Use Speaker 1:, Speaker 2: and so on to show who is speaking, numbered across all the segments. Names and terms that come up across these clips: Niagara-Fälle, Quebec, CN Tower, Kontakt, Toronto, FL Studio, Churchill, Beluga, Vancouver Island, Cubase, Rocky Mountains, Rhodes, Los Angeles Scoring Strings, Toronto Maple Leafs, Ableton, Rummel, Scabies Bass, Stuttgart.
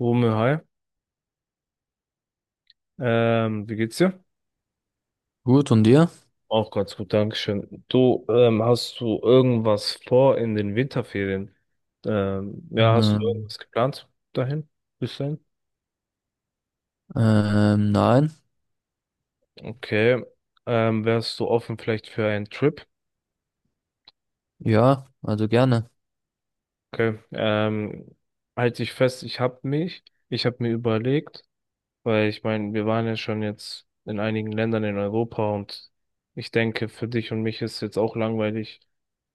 Speaker 1: Rummel, hi. Wie geht's dir?
Speaker 2: Gut, und dir?
Speaker 1: Auch ganz gut, Dankeschön. Du, hast du irgendwas vor in den Winterferien? Ja, hast du
Speaker 2: Ähm,
Speaker 1: irgendwas geplant dahin? Bis dahin?
Speaker 2: nein.
Speaker 1: Okay. Wärst du offen vielleicht für einen Trip?
Speaker 2: Ja, also gerne.
Speaker 1: Okay. Halt dich fest, ich hab mir überlegt, weil ich meine, wir waren ja schon jetzt in einigen Ländern in Europa und ich denke, für dich und mich ist jetzt auch langweilig,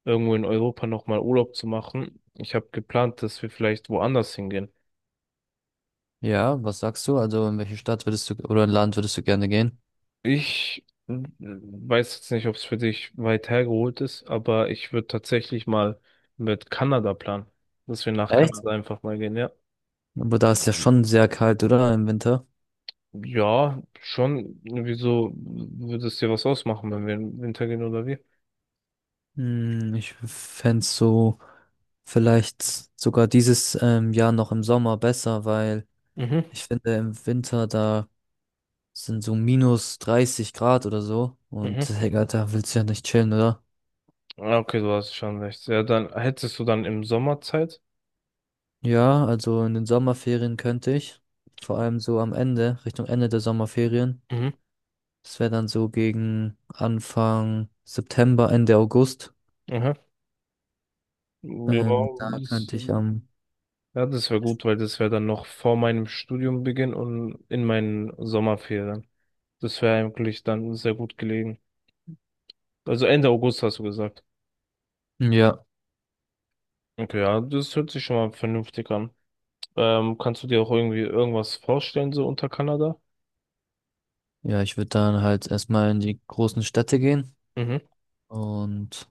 Speaker 1: irgendwo in Europa nochmal Urlaub zu machen. Ich habe geplant, dass wir vielleicht woanders hingehen.
Speaker 2: Ja, was sagst du? Also in welche Stadt würdest du oder in Land würdest du gerne gehen?
Speaker 1: Ich weiß jetzt nicht, ob es für dich weit hergeholt ist, aber ich würde tatsächlich mal mit Kanada planen, dass wir nach
Speaker 2: Echt?
Speaker 1: Kanada einfach mal gehen, ja.
Speaker 2: Aber da ist ja schon sehr kalt, oder? Im Winter.
Speaker 1: Ja, schon. Wieso, würde es dir was ausmachen, wenn wir im Winter gehen oder wie?
Speaker 2: Hm, ich fände so vielleicht sogar dieses Jahr noch im Sommer besser, weil
Speaker 1: Mhm.
Speaker 2: ich finde im Winter da sind so minus 30 Grad oder so. Und
Speaker 1: Mhm.
Speaker 2: Digga, da willst du ja nicht chillen, oder?
Speaker 1: Ja, okay, du hast schon recht. Ja, dann hättest du dann im Sommer Zeit.
Speaker 2: Ja, also in den Sommerferien könnte ich. Vor allem so am Ende, Richtung Ende der Sommerferien.
Speaker 1: Mhm.
Speaker 2: Das wäre dann so gegen Anfang September, Ende August.
Speaker 1: Aha. Ja,
Speaker 2: Da
Speaker 1: das,
Speaker 2: könnte ich am,
Speaker 1: ja, das wäre gut, weil das wäre dann noch vor meinem Studiumbeginn und in meinen Sommerferien. Das wäre eigentlich dann sehr gut gelegen. Also Ende August, hast du gesagt.
Speaker 2: ja,
Speaker 1: Okay, ja, das hört sich schon mal vernünftig an. Kannst du dir auch irgendwie irgendwas vorstellen, so unter Kanada?
Speaker 2: ja, ich würde dann halt erstmal in die großen Städte gehen.
Speaker 1: Mhm.
Speaker 2: Und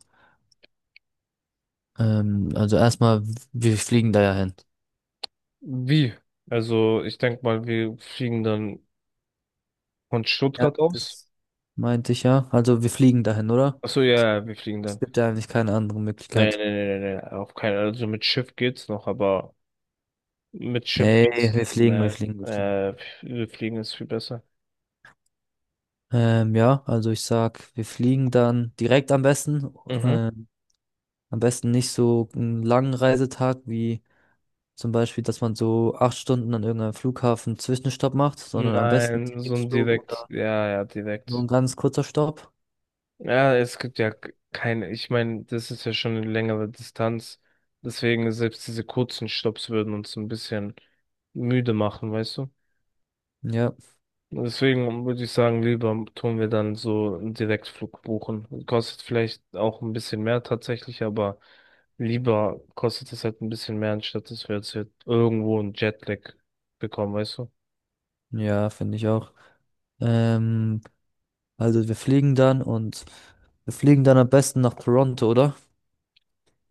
Speaker 2: also erstmal, wir fliegen da ja hin.
Speaker 1: Wie? Also, ich denke mal, wir fliegen dann von
Speaker 2: Ja,
Speaker 1: Stuttgart aus.
Speaker 2: das meinte ich ja. Also wir fliegen dahin, oder?
Speaker 1: Achso, ja, ja, wir fliegen
Speaker 2: Es
Speaker 1: dann.
Speaker 2: gibt ja eigentlich keine andere
Speaker 1: Nee, nee,
Speaker 2: Möglichkeit.
Speaker 1: nee, nee, nee, auf keinen Fall. Also mit Schiff geht's noch, aber mit Schiff
Speaker 2: Nee,
Speaker 1: geht's, nee,
Speaker 2: wir fliegen.
Speaker 1: äh, wir fliegen ist viel besser.
Speaker 2: Ja, also ich sag, wir fliegen dann direkt am besten.
Speaker 1: Mhm.
Speaker 2: Ähm, am besten nicht so einen langen Reisetag wie zum Beispiel, dass man so acht Stunden an irgendeinem Flughafen Zwischenstopp macht, sondern am besten
Speaker 1: Nein, so ein
Speaker 2: Direktflug
Speaker 1: direkt,
Speaker 2: oder
Speaker 1: ja, ja,
Speaker 2: nur ein
Speaker 1: direkt.
Speaker 2: ganz kurzer Stopp.
Speaker 1: Ja, es gibt ja keine, ich meine, das ist ja schon eine längere Distanz. Deswegen selbst diese kurzen Stopps würden uns ein bisschen müde machen, weißt du?
Speaker 2: Ja,
Speaker 1: Deswegen würde ich sagen, lieber tun wir dann so einen Direktflug buchen. Kostet vielleicht auch ein bisschen mehr tatsächlich, aber lieber kostet es halt ein bisschen mehr, anstatt dass wir jetzt hier irgendwo einen Jetlag bekommen, weißt du?
Speaker 2: ja, finde ich auch. Ähm, also wir fliegen dann und wir fliegen dann am besten nach Toronto, oder?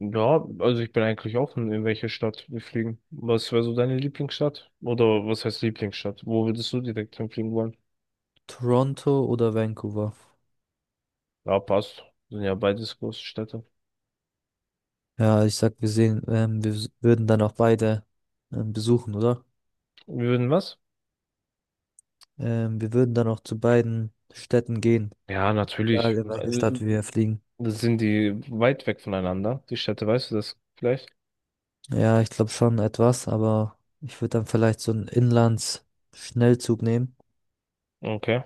Speaker 1: Ja, also ich bin eigentlich offen, in welche Stadt wir fliegen. Was wäre so deine Lieblingsstadt? Oder was heißt Lieblingsstadt? Wo würdest du direkt hinfliegen wollen?
Speaker 2: Toronto oder Vancouver.
Speaker 1: Ja, passt. Sind ja beides große Städte.
Speaker 2: Ja, ich sag, wir sehen, wir würden dann auch beide besuchen, oder?
Speaker 1: Wir würden was?
Speaker 2: Wir würden dann auch zu beiden Städten gehen,
Speaker 1: Ja,
Speaker 2: egal
Speaker 1: natürlich.
Speaker 2: in welche Stadt wir fliegen.
Speaker 1: Sind die weit weg voneinander, die Städte, weißt du das vielleicht?
Speaker 2: Ja, ich glaube schon etwas, aber ich würde dann vielleicht so einen Inlands-Schnellzug nehmen
Speaker 1: Okay.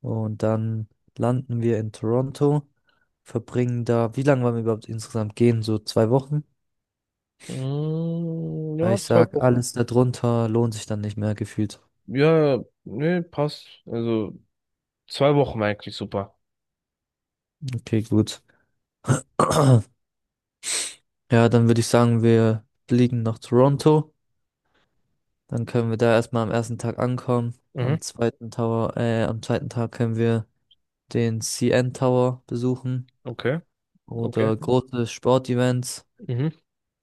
Speaker 2: und dann landen wir in Toronto, verbringen da, wie lange wollen wir überhaupt insgesamt gehen? So zwei Wochen?
Speaker 1: Mm,
Speaker 2: Weil
Speaker 1: ja,
Speaker 2: ich ja
Speaker 1: zwei
Speaker 2: sag,
Speaker 1: Wochen.
Speaker 2: alles darunter lohnt sich dann nicht mehr gefühlt.
Speaker 1: Ja, nee, passt. Also zwei Wochen war eigentlich super.
Speaker 2: Okay, gut. Ja, dann würde ich sagen, wir fliegen nach Toronto. Dann können wir da erstmal am ersten Tag ankommen.
Speaker 1: Mhm.
Speaker 2: Am zweiten Tag können wir den CN Tower besuchen
Speaker 1: Okay, okay.
Speaker 2: oder große Sportevents,
Speaker 1: Mhm.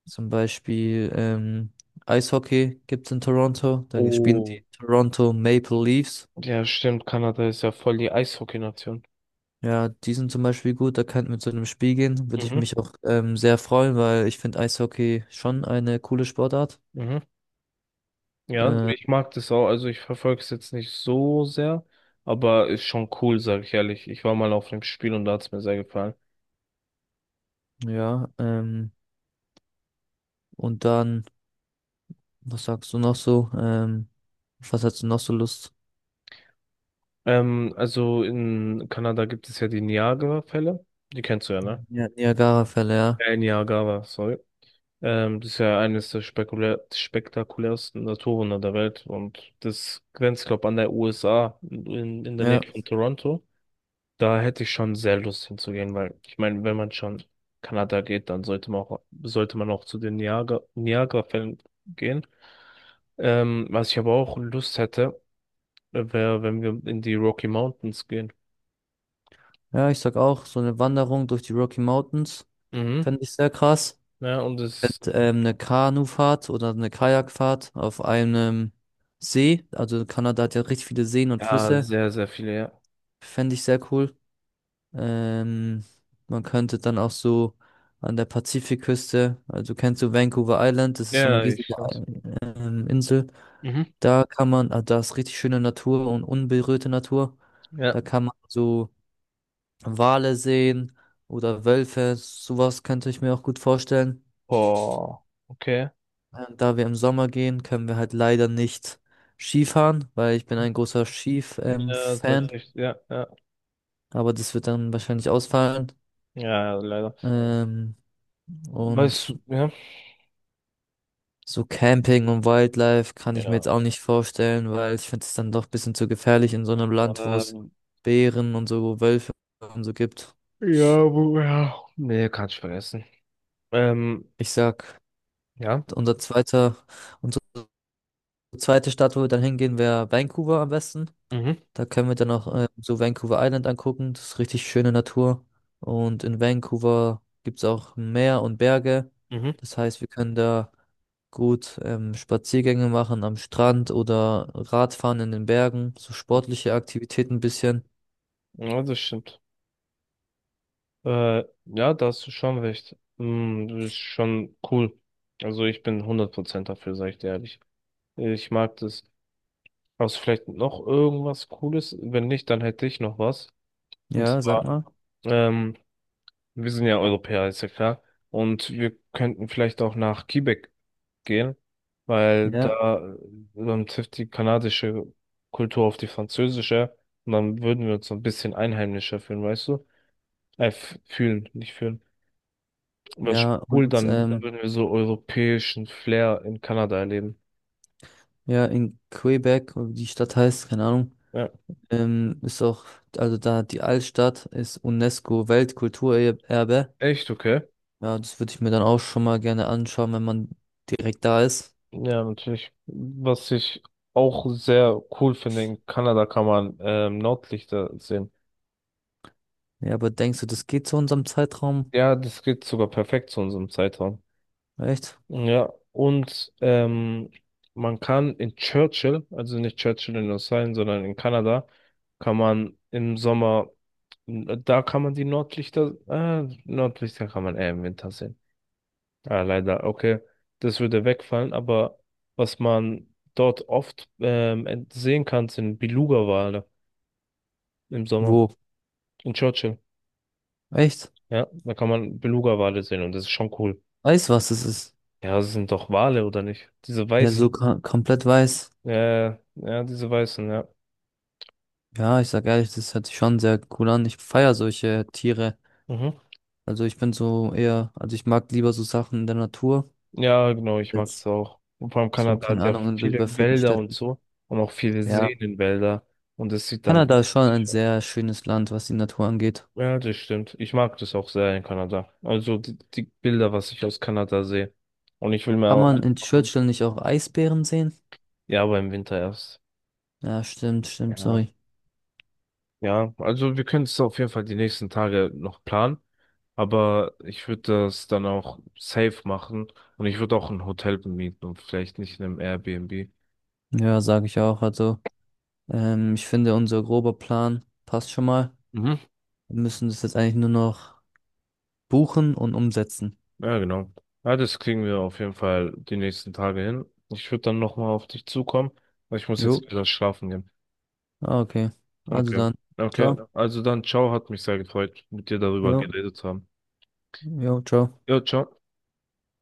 Speaker 2: zum Beispiel Eishockey gibt es in Toronto. Da spielen
Speaker 1: Oh,
Speaker 2: die Toronto Maple Leafs.
Speaker 1: ja, stimmt. Kanada ist ja voll die Eishockey-Nation.
Speaker 2: Ja, die sind zum Beispiel gut, da könnten wir zu einem Spiel gehen, würde ich
Speaker 1: Mhm.
Speaker 2: mich auch sehr freuen, weil ich finde Eishockey schon eine coole Sportart.
Speaker 1: Mhm. Ja,
Speaker 2: Äh,
Speaker 1: ich mag das auch. Also ich verfolge es jetzt nicht so sehr, aber ist schon cool, sag ich ehrlich. Ich war mal auf dem Spiel und da hat es mir sehr gefallen.
Speaker 2: ja, und dann, was sagst du noch so? Auf was hast du noch so Lust?
Speaker 1: Also in Kanada gibt es ja die Niagara-Fälle. Die kennst du ja, ne?
Speaker 2: Ja, Niagara-Fälle, ja.
Speaker 1: Niagara, sorry. Das ist ja eines der spekulär spektakulärsten Naturwunder der Welt und das grenzt, glaube an der USA in der Nähe
Speaker 2: Ja,
Speaker 1: von Toronto. Da hätte ich schon sehr Lust hinzugehen, weil ich meine, wenn man schon Kanada geht, dann sollte man auch zu den Niagara, Niagara-Fällen gehen. Was ich aber auch Lust hätte, wäre, wenn wir in die Rocky Mountains gehen.
Speaker 2: ja, ich sag auch, so eine Wanderung durch die Rocky Mountains
Speaker 1: Mhm.
Speaker 2: fände ich sehr krass.
Speaker 1: Ja, und es,
Speaker 2: Und eine Kanufahrt oder eine Kajakfahrt auf einem See. Also Kanada hat ja richtig viele Seen und
Speaker 1: ja,
Speaker 2: Flüsse.
Speaker 1: sehr, sehr viele, ja.
Speaker 2: Fände ich sehr cool. Ähm, man könnte dann auch so an der Pazifikküste, also kennst du Vancouver Island, das ist so eine
Speaker 1: Ja, ich
Speaker 2: riesige
Speaker 1: kann's.
Speaker 2: Insel.
Speaker 1: Mhm.
Speaker 2: Da kann man, ah, da ist richtig schöne Natur und unberührte Natur.
Speaker 1: Ja.
Speaker 2: Da kann man so Wale sehen oder Wölfe. Sowas könnte ich mir auch gut vorstellen.
Speaker 1: Boah, okay.
Speaker 2: Da wir im Sommer gehen, können wir halt leider nicht Skifahren, weil ich bin ein großer Skif-Fan.
Speaker 1: Ja, tatsächlich, ja, ja.
Speaker 2: Ja, aber das wird dann wahrscheinlich ausfallen.
Speaker 1: Ja, leider.
Speaker 2: Ähm,
Speaker 1: Weißt
Speaker 2: und
Speaker 1: du, ja.
Speaker 2: so Camping und Wildlife kann ich mir
Speaker 1: Ja.
Speaker 2: jetzt auch nicht vorstellen, weil ich finde es dann doch ein bisschen zu gefährlich in so einem Land, wo es
Speaker 1: Ähm,
Speaker 2: Bären und so Wölfe und so gibt.
Speaker 1: ja, wo, ja. Nee, kann ich vergessen. Ähm,
Speaker 2: Ich sag,
Speaker 1: ja.
Speaker 2: unser zweiter, unsere zweite Stadt, wo wir dann hingehen, wäre Vancouver am besten.
Speaker 1: Mhm.
Speaker 2: Da können wir dann noch so Vancouver Island angucken. Das ist richtig schöne Natur. Und in Vancouver gibt es auch Meer und Berge.
Speaker 1: Mhm.
Speaker 2: Das heißt, wir können da gut Spaziergänge machen am Strand oder Radfahren in den Bergen. So sportliche Aktivitäten ein bisschen.
Speaker 1: Ja, das stimmt. Ja, da hast du schon recht. Hm, das ist schon cool. Also ich bin 100% dafür, sag ich dir ehrlich. Ich mag das. Hast du vielleicht noch irgendwas Cooles? Wenn nicht, dann hätte ich noch was. Und
Speaker 2: Ja, sag
Speaker 1: zwar,
Speaker 2: mal.
Speaker 1: ähm, wir sind ja Europäer, ist ja klar. Und wir könnten vielleicht auch nach Quebec gehen, weil
Speaker 2: Ja,
Speaker 1: da trifft die kanadische Kultur auf die französische. Und dann würden wir uns so ein bisschen einheimischer fühlen, weißt du? Fühlen, nicht fühlen. Was
Speaker 2: ja.
Speaker 1: cool,
Speaker 2: Und ja,
Speaker 1: dann würden wir so europäischen Flair in Kanada erleben.
Speaker 2: ja, in Quebec, wie die Stadt heißt, keine Ahnung,
Speaker 1: Ja,
Speaker 2: ist auch, also da die Altstadt ist UNESCO-Weltkulturerbe.
Speaker 1: echt okay.
Speaker 2: Ja, das würde ich mir dann auch schon mal gerne anschauen, wenn man direkt da ist.
Speaker 1: Ja, natürlich. Was ich auch sehr cool finde, in Kanada kann man Nordlichter sehen.
Speaker 2: Ja, aber denkst du, das geht zu unserem Zeitraum?
Speaker 1: Ja, das geht sogar perfekt zu unserem Zeitraum.
Speaker 2: Echt?
Speaker 1: Ja, und man kann in Churchill, also nicht Churchill in Australien, sondern in Kanada, kann man im Sommer, da kann man die Nordlichter, Nordlichter kann man eher im Winter sehen. Ja, leider, okay. Das würde wegfallen, aber was man dort oft sehen kann, sind Beluga-Wale im Sommer.
Speaker 2: Wo?
Speaker 1: In Churchill.
Speaker 2: Echt?
Speaker 1: Ja, da kann man Beluga-Wale sehen und das ist schon cool.
Speaker 2: Weiß, was es ist.
Speaker 1: Ja, das sind doch Wale, oder nicht? Diese
Speaker 2: Ja,
Speaker 1: weißen.
Speaker 2: so komplett weiß.
Speaker 1: Ja, diese weißen, ja.
Speaker 2: Ja, ich sag ehrlich, das hört sich schon sehr cool an. Ich feier solche Tiere.
Speaker 1: Mhm.
Speaker 2: Also ich bin so eher, also ich mag lieber so Sachen in der Natur
Speaker 1: Ja, genau, ich mag es
Speaker 2: als
Speaker 1: auch. Und vor allem
Speaker 2: so,
Speaker 1: Kanada
Speaker 2: keine
Speaker 1: hat ja
Speaker 2: Ahnung, in so
Speaker 1: viele
Speaker 2: überfüllten
Speaker 1: Wälder und
Speaker 2: Städten.
Speaker 1: so und auch viele
Speaker 2: Ja.
Speaker 1: Seen in Wälder und es sieht dann
Speaker 2: Kanada ist schon ein sehr schönes Land, was die Natur angeht.
Speaker 1: Ja, das stimmt. Ich mag das auch sehr in Kanada. Also die, die Bilder, was ich aus Kanada sehe. Und ich will mir
Speaker 2: Kann
Speaker 1: auch,
Speaker 2: man in Churchill nicht auch Eisbären sehen?
Speaker 1: ja, aber im Winter erst.
Speaker 2: Ja, stimmt, stimmt,
Speaker 1: Ja,
Speaker 2: sorry.
Speaker 1: ja, also wir können es auf jeden Fall die nächsten Tage noch planen. Aber ich würde das dann auch safe machen. Und ich würde auch ein Hotel bemieten und vielleicht nicht in einem Airbnb.
Speaker 2: Ja, sage ich auch. Also, ich finde, unser grober Plan passt schon mal.
Speaker 1: Mhm.
Speaker 2: Wir müssen das jetzt eigentlich nur noch buchen und umsetzen.
Speaker 1: Ja, genau. Ja, das kriegen wir auf jeden Fall die nächsten Tage hin. Ich würde dann nochmal auf dich zukommen, weil ich muss
Speaker 2: Jo.
Speaker 1: jetzt wieder schlafen gehen.
Speaker 2: Ah, okay. Also
Speaker 1: Okay.
Speaker 2: dann.
Speaker 1: Okay.
Speaker 2: Ciao. Ja.
Speaker 1: Also dann, ciao, hat mich sehr gefreut, mit dir darüber
Speaker 2: Jo.
Speaker 1: geredet zu haben.
Speaker 2: Jo, ciao.
Speaker 1: Ja, ciao.